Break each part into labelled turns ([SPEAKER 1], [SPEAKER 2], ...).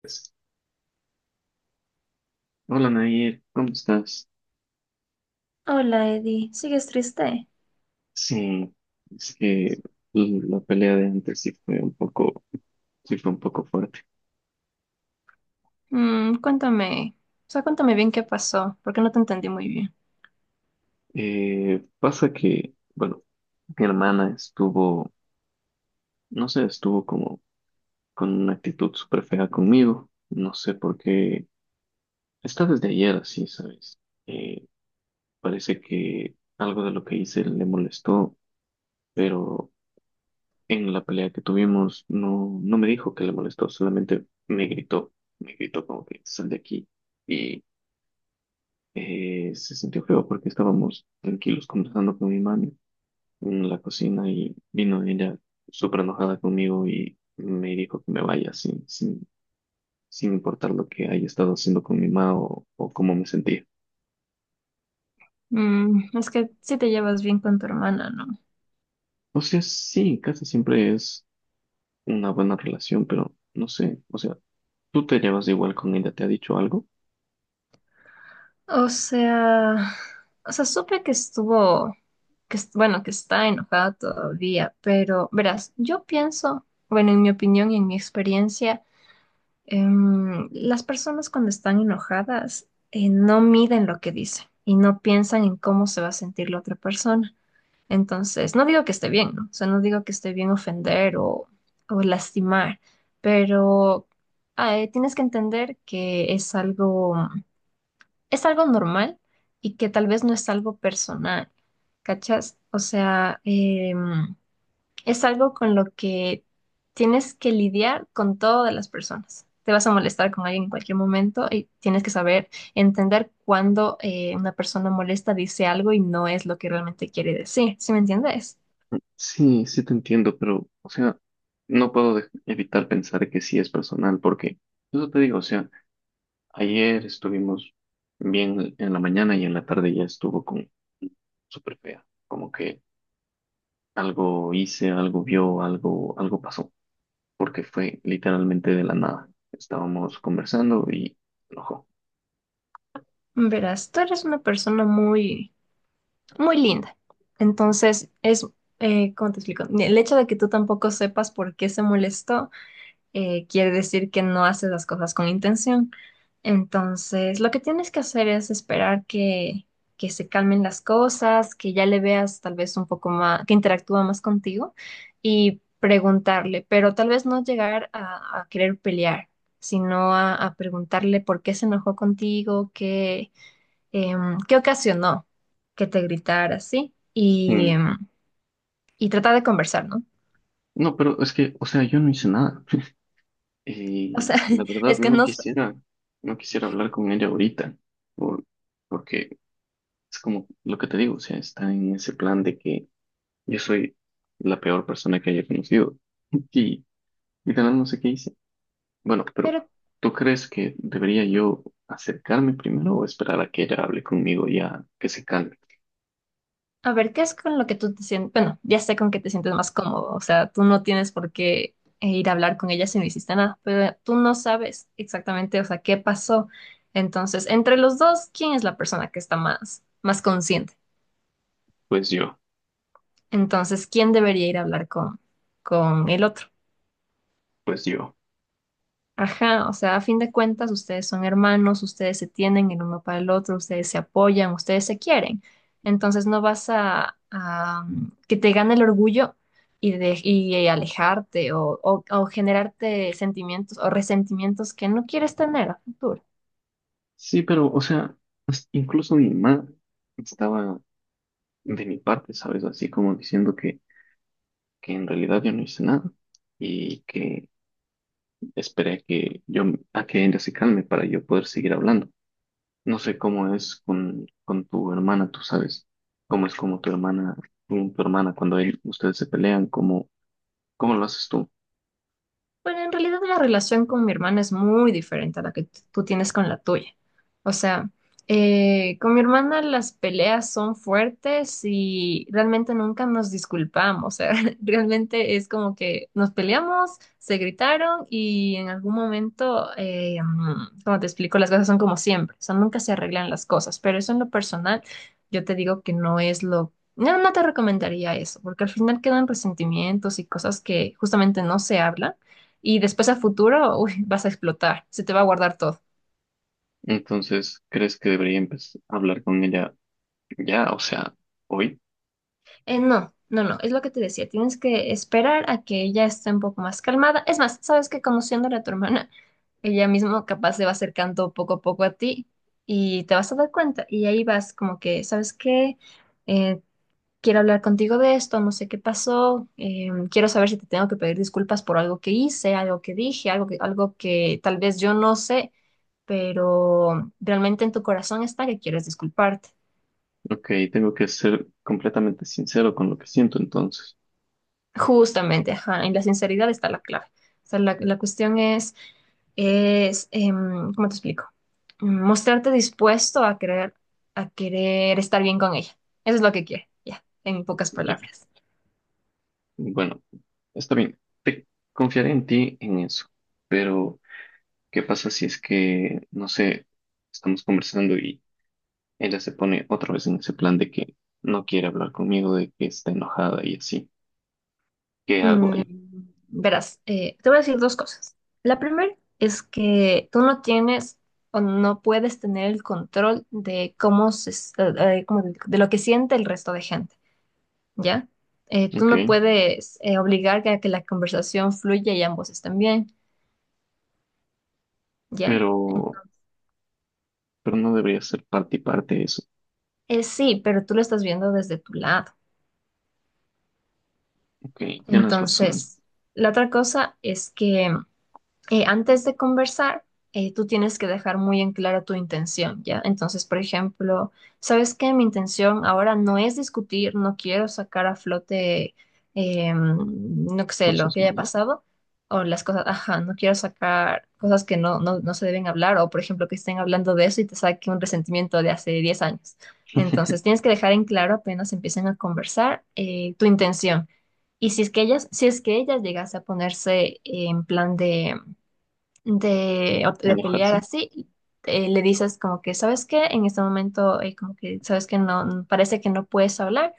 [SPEAKER 1] Pues, hola Nair, ¿cómo estás?
[SPEAKER 2] Hola, Eddie. ¿Sigues triste?
[SPEAKER 1] Sí, es que la pelea de antes sí fue un poco, sí fue un poco fuerte.
[SPEAKER 2] Cuéntame. O sea, cuéntame bien qué pasó, porque no te entendí muy bien.
[SPEAKER 1] Pasa que, bueno, mi hermana estuvo, no sé, estuvo como con una actitud súper fea conmigo. No sé por qué. Está desde ayer así, ¿sabes? Eh, Parece que algo de lo que hice le molestó, pero en la pelea que tuvimos, no me dijo que le molestó, solamente me gritó como que sal de aquí. Y se sintió feo porque estábamos tranquilos conversando con mi mami en la cocina y vino ella súper enojada conmigo y me dijo que me vaya sin, sin importar lo que haya estado haciendo con mi mamá o cómo me sentía.
[SPEAKER 2] Es que sí te llevas bien con tu hermana, ¿no?
[SPEAKER 1] O sea, sí, casi siempre es una buena relación, pero no sé, o sea, tú te llevas igual con ella, ¿te ha dicho algo?
[SPEAKER 2] O sea, o sea, supe que estuvo, que bueno, que está enojada todavía, pero verás, yo pienso, bueno, en mi opinión y en mi experiencia. Las personas cuando están enojadas no miden lo que dicen y no piensan en cómo se va a sentir la otra persona. Entonces, no digo que esté bien, ¿no? O sea, no digo que esté bien ofender o lastimar, pero tienes que entender que es algo normal y que tal vez no es algo personal, ¿cachas? O sea, es algo con lo que tienes que lidiar con todas las personas. Te vas a molestar con alguien en cualquier momento y tienes que saber entender cuando una persona molesta dice algo y no es lo que realmente quiere decir. ¿Sí me entiendes?
[SPEAKER 1] Sí, sí te entiendo, pero, o sea, no puedo evitar pensar que sí es personal, porque eso te digo, o sea, ayer estuvimos bien en la mañana y en la tarde ya estuvo con súper fea, como que algo hice, algo vio, algo, algo pasó, porque fue literalmente de la nada. Estábamos conversando y se enojó.
[SPEAKER 2] Verás, tú eres una persona muy, muy linda. Entonces, ¿cómo te explico? El hecho de que tú tampoco sepas por qué se molestó quiere decir que no haces las cosas con intención. Entonces, lo que tienes que hacer es esperar que se calmen las cosas, que ya le veas tal vez un poco más, que interactúa más contigo y preguntarle, pero tal vez no llegar a querer pelear, sino a preguntarle por qué se enojó contigo, qué ocasionó que te gritara así y,
[SPEAKER 1] Mm.
[SPEAKER 2] em, y tratar de conversar, ¿no?
[SPEAKER 1] No, pero es que, o sea, yo no hice nada.
[SPEAKER 2] O
[SPEAKER 1] Y
[SPEAKER 2] sea,
[SPEAKER 1] la verdad
[SPEAKER 2] es que
[SPEAKER 1] no
[SPEAKER 2] no,
[SPEAKER 1] quisiera, no quisiera hablar con ella ahorita, por- porque es como lo que te digo, o sea, está en ese plan de que yo soy la peor persona que haya conocido y literal no sé qué hice. Bueno, pero
[SPEAKER 2] pero
[SPEAKER 1] ¿tú crees que debería yo acercarme primero o esperar a que ella hable conmigo ya que se calme?
[SPEAKER 2] a ver, ¿qué es con lo que tú te sientes? Bueno, ya sé con qué te sientes más cómodo. O sea, tú no tienes por qué ir a hablar con ella si no hiciste nada, pero tú no sabes exactamente, o sea, qué pasó. Entonces, entre los dos, ¿quién es la persona que está más, más consciente?
[SPEAKER 1] Pues yo,
[SPEAKER 2] Entonces, ¿quién debería ir a hablar con el otro?
[SPEAKER 1] pues yo.
[SPEAKER 2] Ajá, o sea, a fin de cuentas, ustedes son hermanos, ustedes se tienen el uno para el otro, ustedes se apoyan, ustedes se quieren. Entonces no vas a, que te gane el orgullo y alejarte, o generarte sentimientos o resentimientos que no quieres tener a futuro.
[SPEAKER 1] Sí, pero, o sea, incluso mi madre estaba de mi parte, ¿sabes? Así como diciendo que en realidad yo no hice nada y que esperé a que yo, a que ella se calme para yo poder seguir hablando. No sé cómo es con tu hermana, tú sabes cómo es como tu hermana, con tu hermana cuando ustedes se pelean, cómo, cómo lo haces tú.
[SPEAKER 2] Bueno, en realidad la relación con mi hermana es muy diferente a la que tú tienes con la tuya. O sea, con mi hermana las peleas son fuertes y realmente nunca nos disculpamos. O sea, realmente es como que nos peleamos, se gritaron y en algún momento, como te explico, las cosas son como siempre. O sea, nunca se arreglan las cosas. Pero eso en lo personal, yo te digo que No, no te recomendaría eso, porque al final quedan resentimientos y cosas que justamente no se hablan y después a futuro, uy, vas a explotar, se te va a guardar todo.
[SPEAKER 1] Entonces, ¿crees que debería empezar a hablar con ella ya? O sea, hoy.
[SPEAKER 2] No, no, no, es lo que te decía, tienes que esperar a que ella esté un poco más calmada. Es más, sabes que conociéndole a tu hermana, ella misma capaz se va acercando poco a poco a ti y te vas a dar cuenta y ahí vas como que, ¿sabes qué? Eh, quiero hablar contigo de esto, no sé qué pasó, quiero saber si te tengo que pedir disculpas por algo que hice, algo que dije, algo que tal vez yo no sé, pero realmente en tu corazón está que quieres disculparte.
[SPEAKER 1] Ok, tengo que ser completamente sincero con lo que siento, entonces.
[SPEAKER 2] Justamente, ajá, en la sinceridad está la clave. O sea, la cuestión es, ¿cómo te explico? Mostrarte dispuesto a querer estar bien con ella. Eso es lo que quiere, ya, en pocas
[SPEAKER 1] Ya.
[SPEAKER 2] palabras.
[SPEAKER 1] Bueno, está bien. Te confiaré en ti en eso. Pero, ¿qué pasa si es que, no sé, estamos conversando, ella se pone otra vez en ese plan de que no quiere hablar conmigo, de que está enojada y así? ¿Qué hago
[SPEAKER 2] Mm,
[SPEAKER 1] ahí?
[SPEAKER 2] verás, te voy a decir dos cosas. La primera es que tú no tienes o no puedes tener el control de cómo como de lo que siente el resto de gente, ¿ya? Tú
[SPEAKER 1] Ok,
[SPEAKER 2] no puedes obligar a que la conversación fluya y ambos estén bien, ¿ya?
[SPEAKER 1] pero, pero no debería ser parte y parte de eso.
[SPEAKER 2] Sí, pero tú lo estás viendo desde tu lado.
[SPEAKER 1] Ok, tienes razón.
[SPEAKER 2] Entonces, la otra cosa es que antes de conversar, tú tienes que dejar muy en claro tu intención, ¿ya? Entonces, por ejemplo, ¿sabes qué? Mi intención ahora no es discutir, no quiero sacar a flote, no sé, lo
[SPEAKER 1] Cosas
[SPEAKER 2] que haya
[SPEAKER 1] malas.
[SPEAKER 2] pasado o las cosas, ajá, no quiero sacar cosas que no se deben hablar o, por ejemplo, que estén hablando de eso y te saque un resentimiento de hace 10 años. Entonces, tienes que dejar en claro apenas empiecen a conversar tu intención. Y si es que ellas llegase a ponerse en plan de, o de pelear
[SPEAKER 1] Enojarse.
[SPEAKER 2] así, le dices como que, ¿sabes qué? En este momento, como que, ¿sabes que no, parece que no puedes hablar?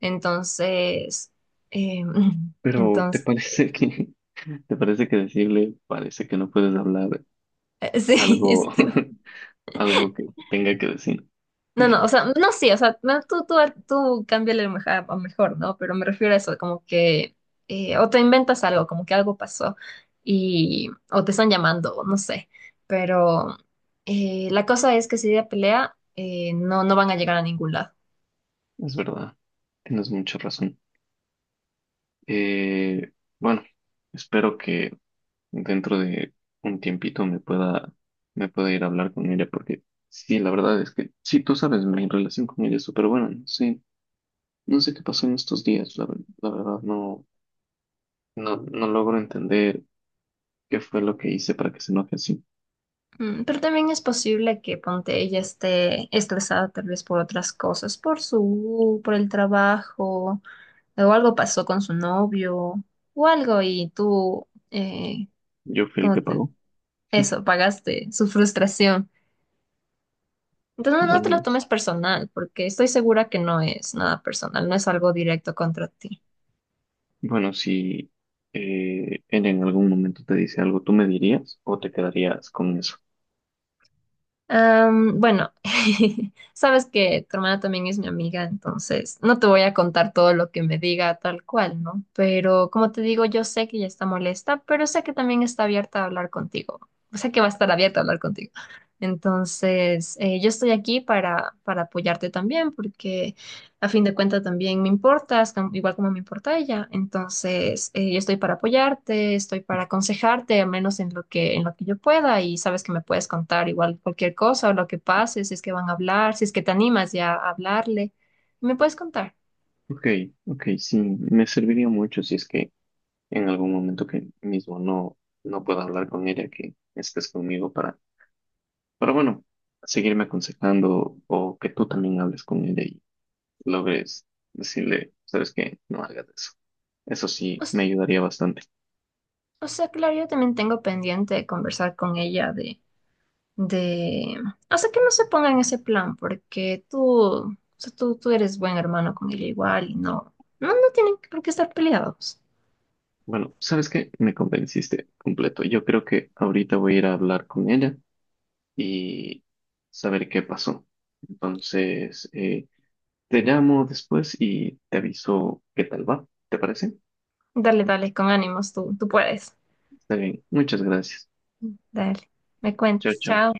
[SPEAKER 2] Entonces, eh,
[SPEAKER 1] Pero ¿te
[SPEAKER 2] entonces,
[SPEAKER 1] parece que, te parece que decirle, parece que no puedes hablar
[SPEAKER 2] sí,
[SPEAKER 1] algo, algo que tenga que decir?
[SPEAKER 2] no, no, o sea, no, no, sí, o sea, no, tú cámbiale lo mejor, a mejor, ¿no? Pero me refiero a eso, como que, o te inventas algo, como que algo pasó y, o te están llamando, o no sé, pero la cosa es que si ella pelea, no van a llegar a ningún lado.
[SPEAKER 1] Es verdad. Tienes mucha razón. Eh, bueno, espero que dentro de un tiempito me pueda ir a hablar con ella, porque sí, la verdad es que, sí, tú sabes, mi relación con ella es súper buena, no sé, no sé qué pasó en estos días, la verdad no, no, no logro entender qué fue lo que hice para que se enoje así.
[SPEAKER 2] Pero también es posible que ponte ella esté estresada tal vez por otras cosas, por su, por el trabajo, o algo pasó con su novio, o algo, y tú,
[SPEAKER 1] Yo fui el
[SPEAKER 2] como
[SPEAKER 1] que
[SPEAKER 2] te-
[SPEAKER 1] pagó.
[SPEAKER 2] eso, pagaste su frustración. Entonces no te
[SPEAKER 1] Bueno,
[SPEAKER 2] lo
[SPEAKER 1] es-
[SPEAKER 2] tomes personal, porque estoy segura que no es nada personal, no es algo directo contra ti.
[SPEAKER 1] bueno, si ella en algún momento te dice algo, ¿tú me dirías o te quedarías con eso?
[SPEAKER 2] Bueno, sabes que tu hermana también es mi amiga, entonces no te voy a contar todo lo que me diga tal cual, ¿no? Pero como te digo, yo sé que ella está molesta, pero sé que también está abierta a hablar contigo. O sea que va a estar abierta a hablar contigo. Entonces, yo estoy aquí para apoyarte también, porque a fin de cuentas también me importas, igual como me importa ella. Entonces, yo estoy para apoyarte, estoy para aconsejarte, al menos en lo que yo pueda, y sabes que me puedes contar igual cualquier cosa o lo que pase, si es que van a hablar, si es que te animas ya a hablarle, me puedes contar.
[SPEAKER 1] Ok, ok, sí, me serviría mucho si es que en algún momento que mismo no, no pueda hablar con ella, que estés conmigo para, pero bueno, seguirme aconsejando o que tú también hables con ella y logres decirle, sabes qué, no hagas eso. Eso
[SPEAKER 2] O
[SPEAKER 1] sí,
[SPEAKER 2] sea,
[SPEAKER 1] me ayudaría bastante.
[SPEAKER 2] o sea, claro, yo también tengo pendiente de conversar con ella de, o sea, que no se ponga en ese plan, porque tú, o sea, tú eres buen hermano con ella igual y no tienen por qué estar peleados.
[SPEAKER 1] Bueno, ¿sabes qué? Me convenciste completo. Yo creo que ahorita voy a ir a hablar con ella y saber qué pasó. Entonces, te llamo después y te aviso qué tal va. ¿Te parece?
[SPEAKER 2] Dale, dale, con ánimos, tú puedes.
[SPEAKER 1] Está bien. Muchas gracias.
[SPEAKER 2] Dale, me
[SPEAKER 1] Chao,
[SPEAKER 2] cuentas,
[SPEAKER 1] chao.
[SPEAKER 2] chao.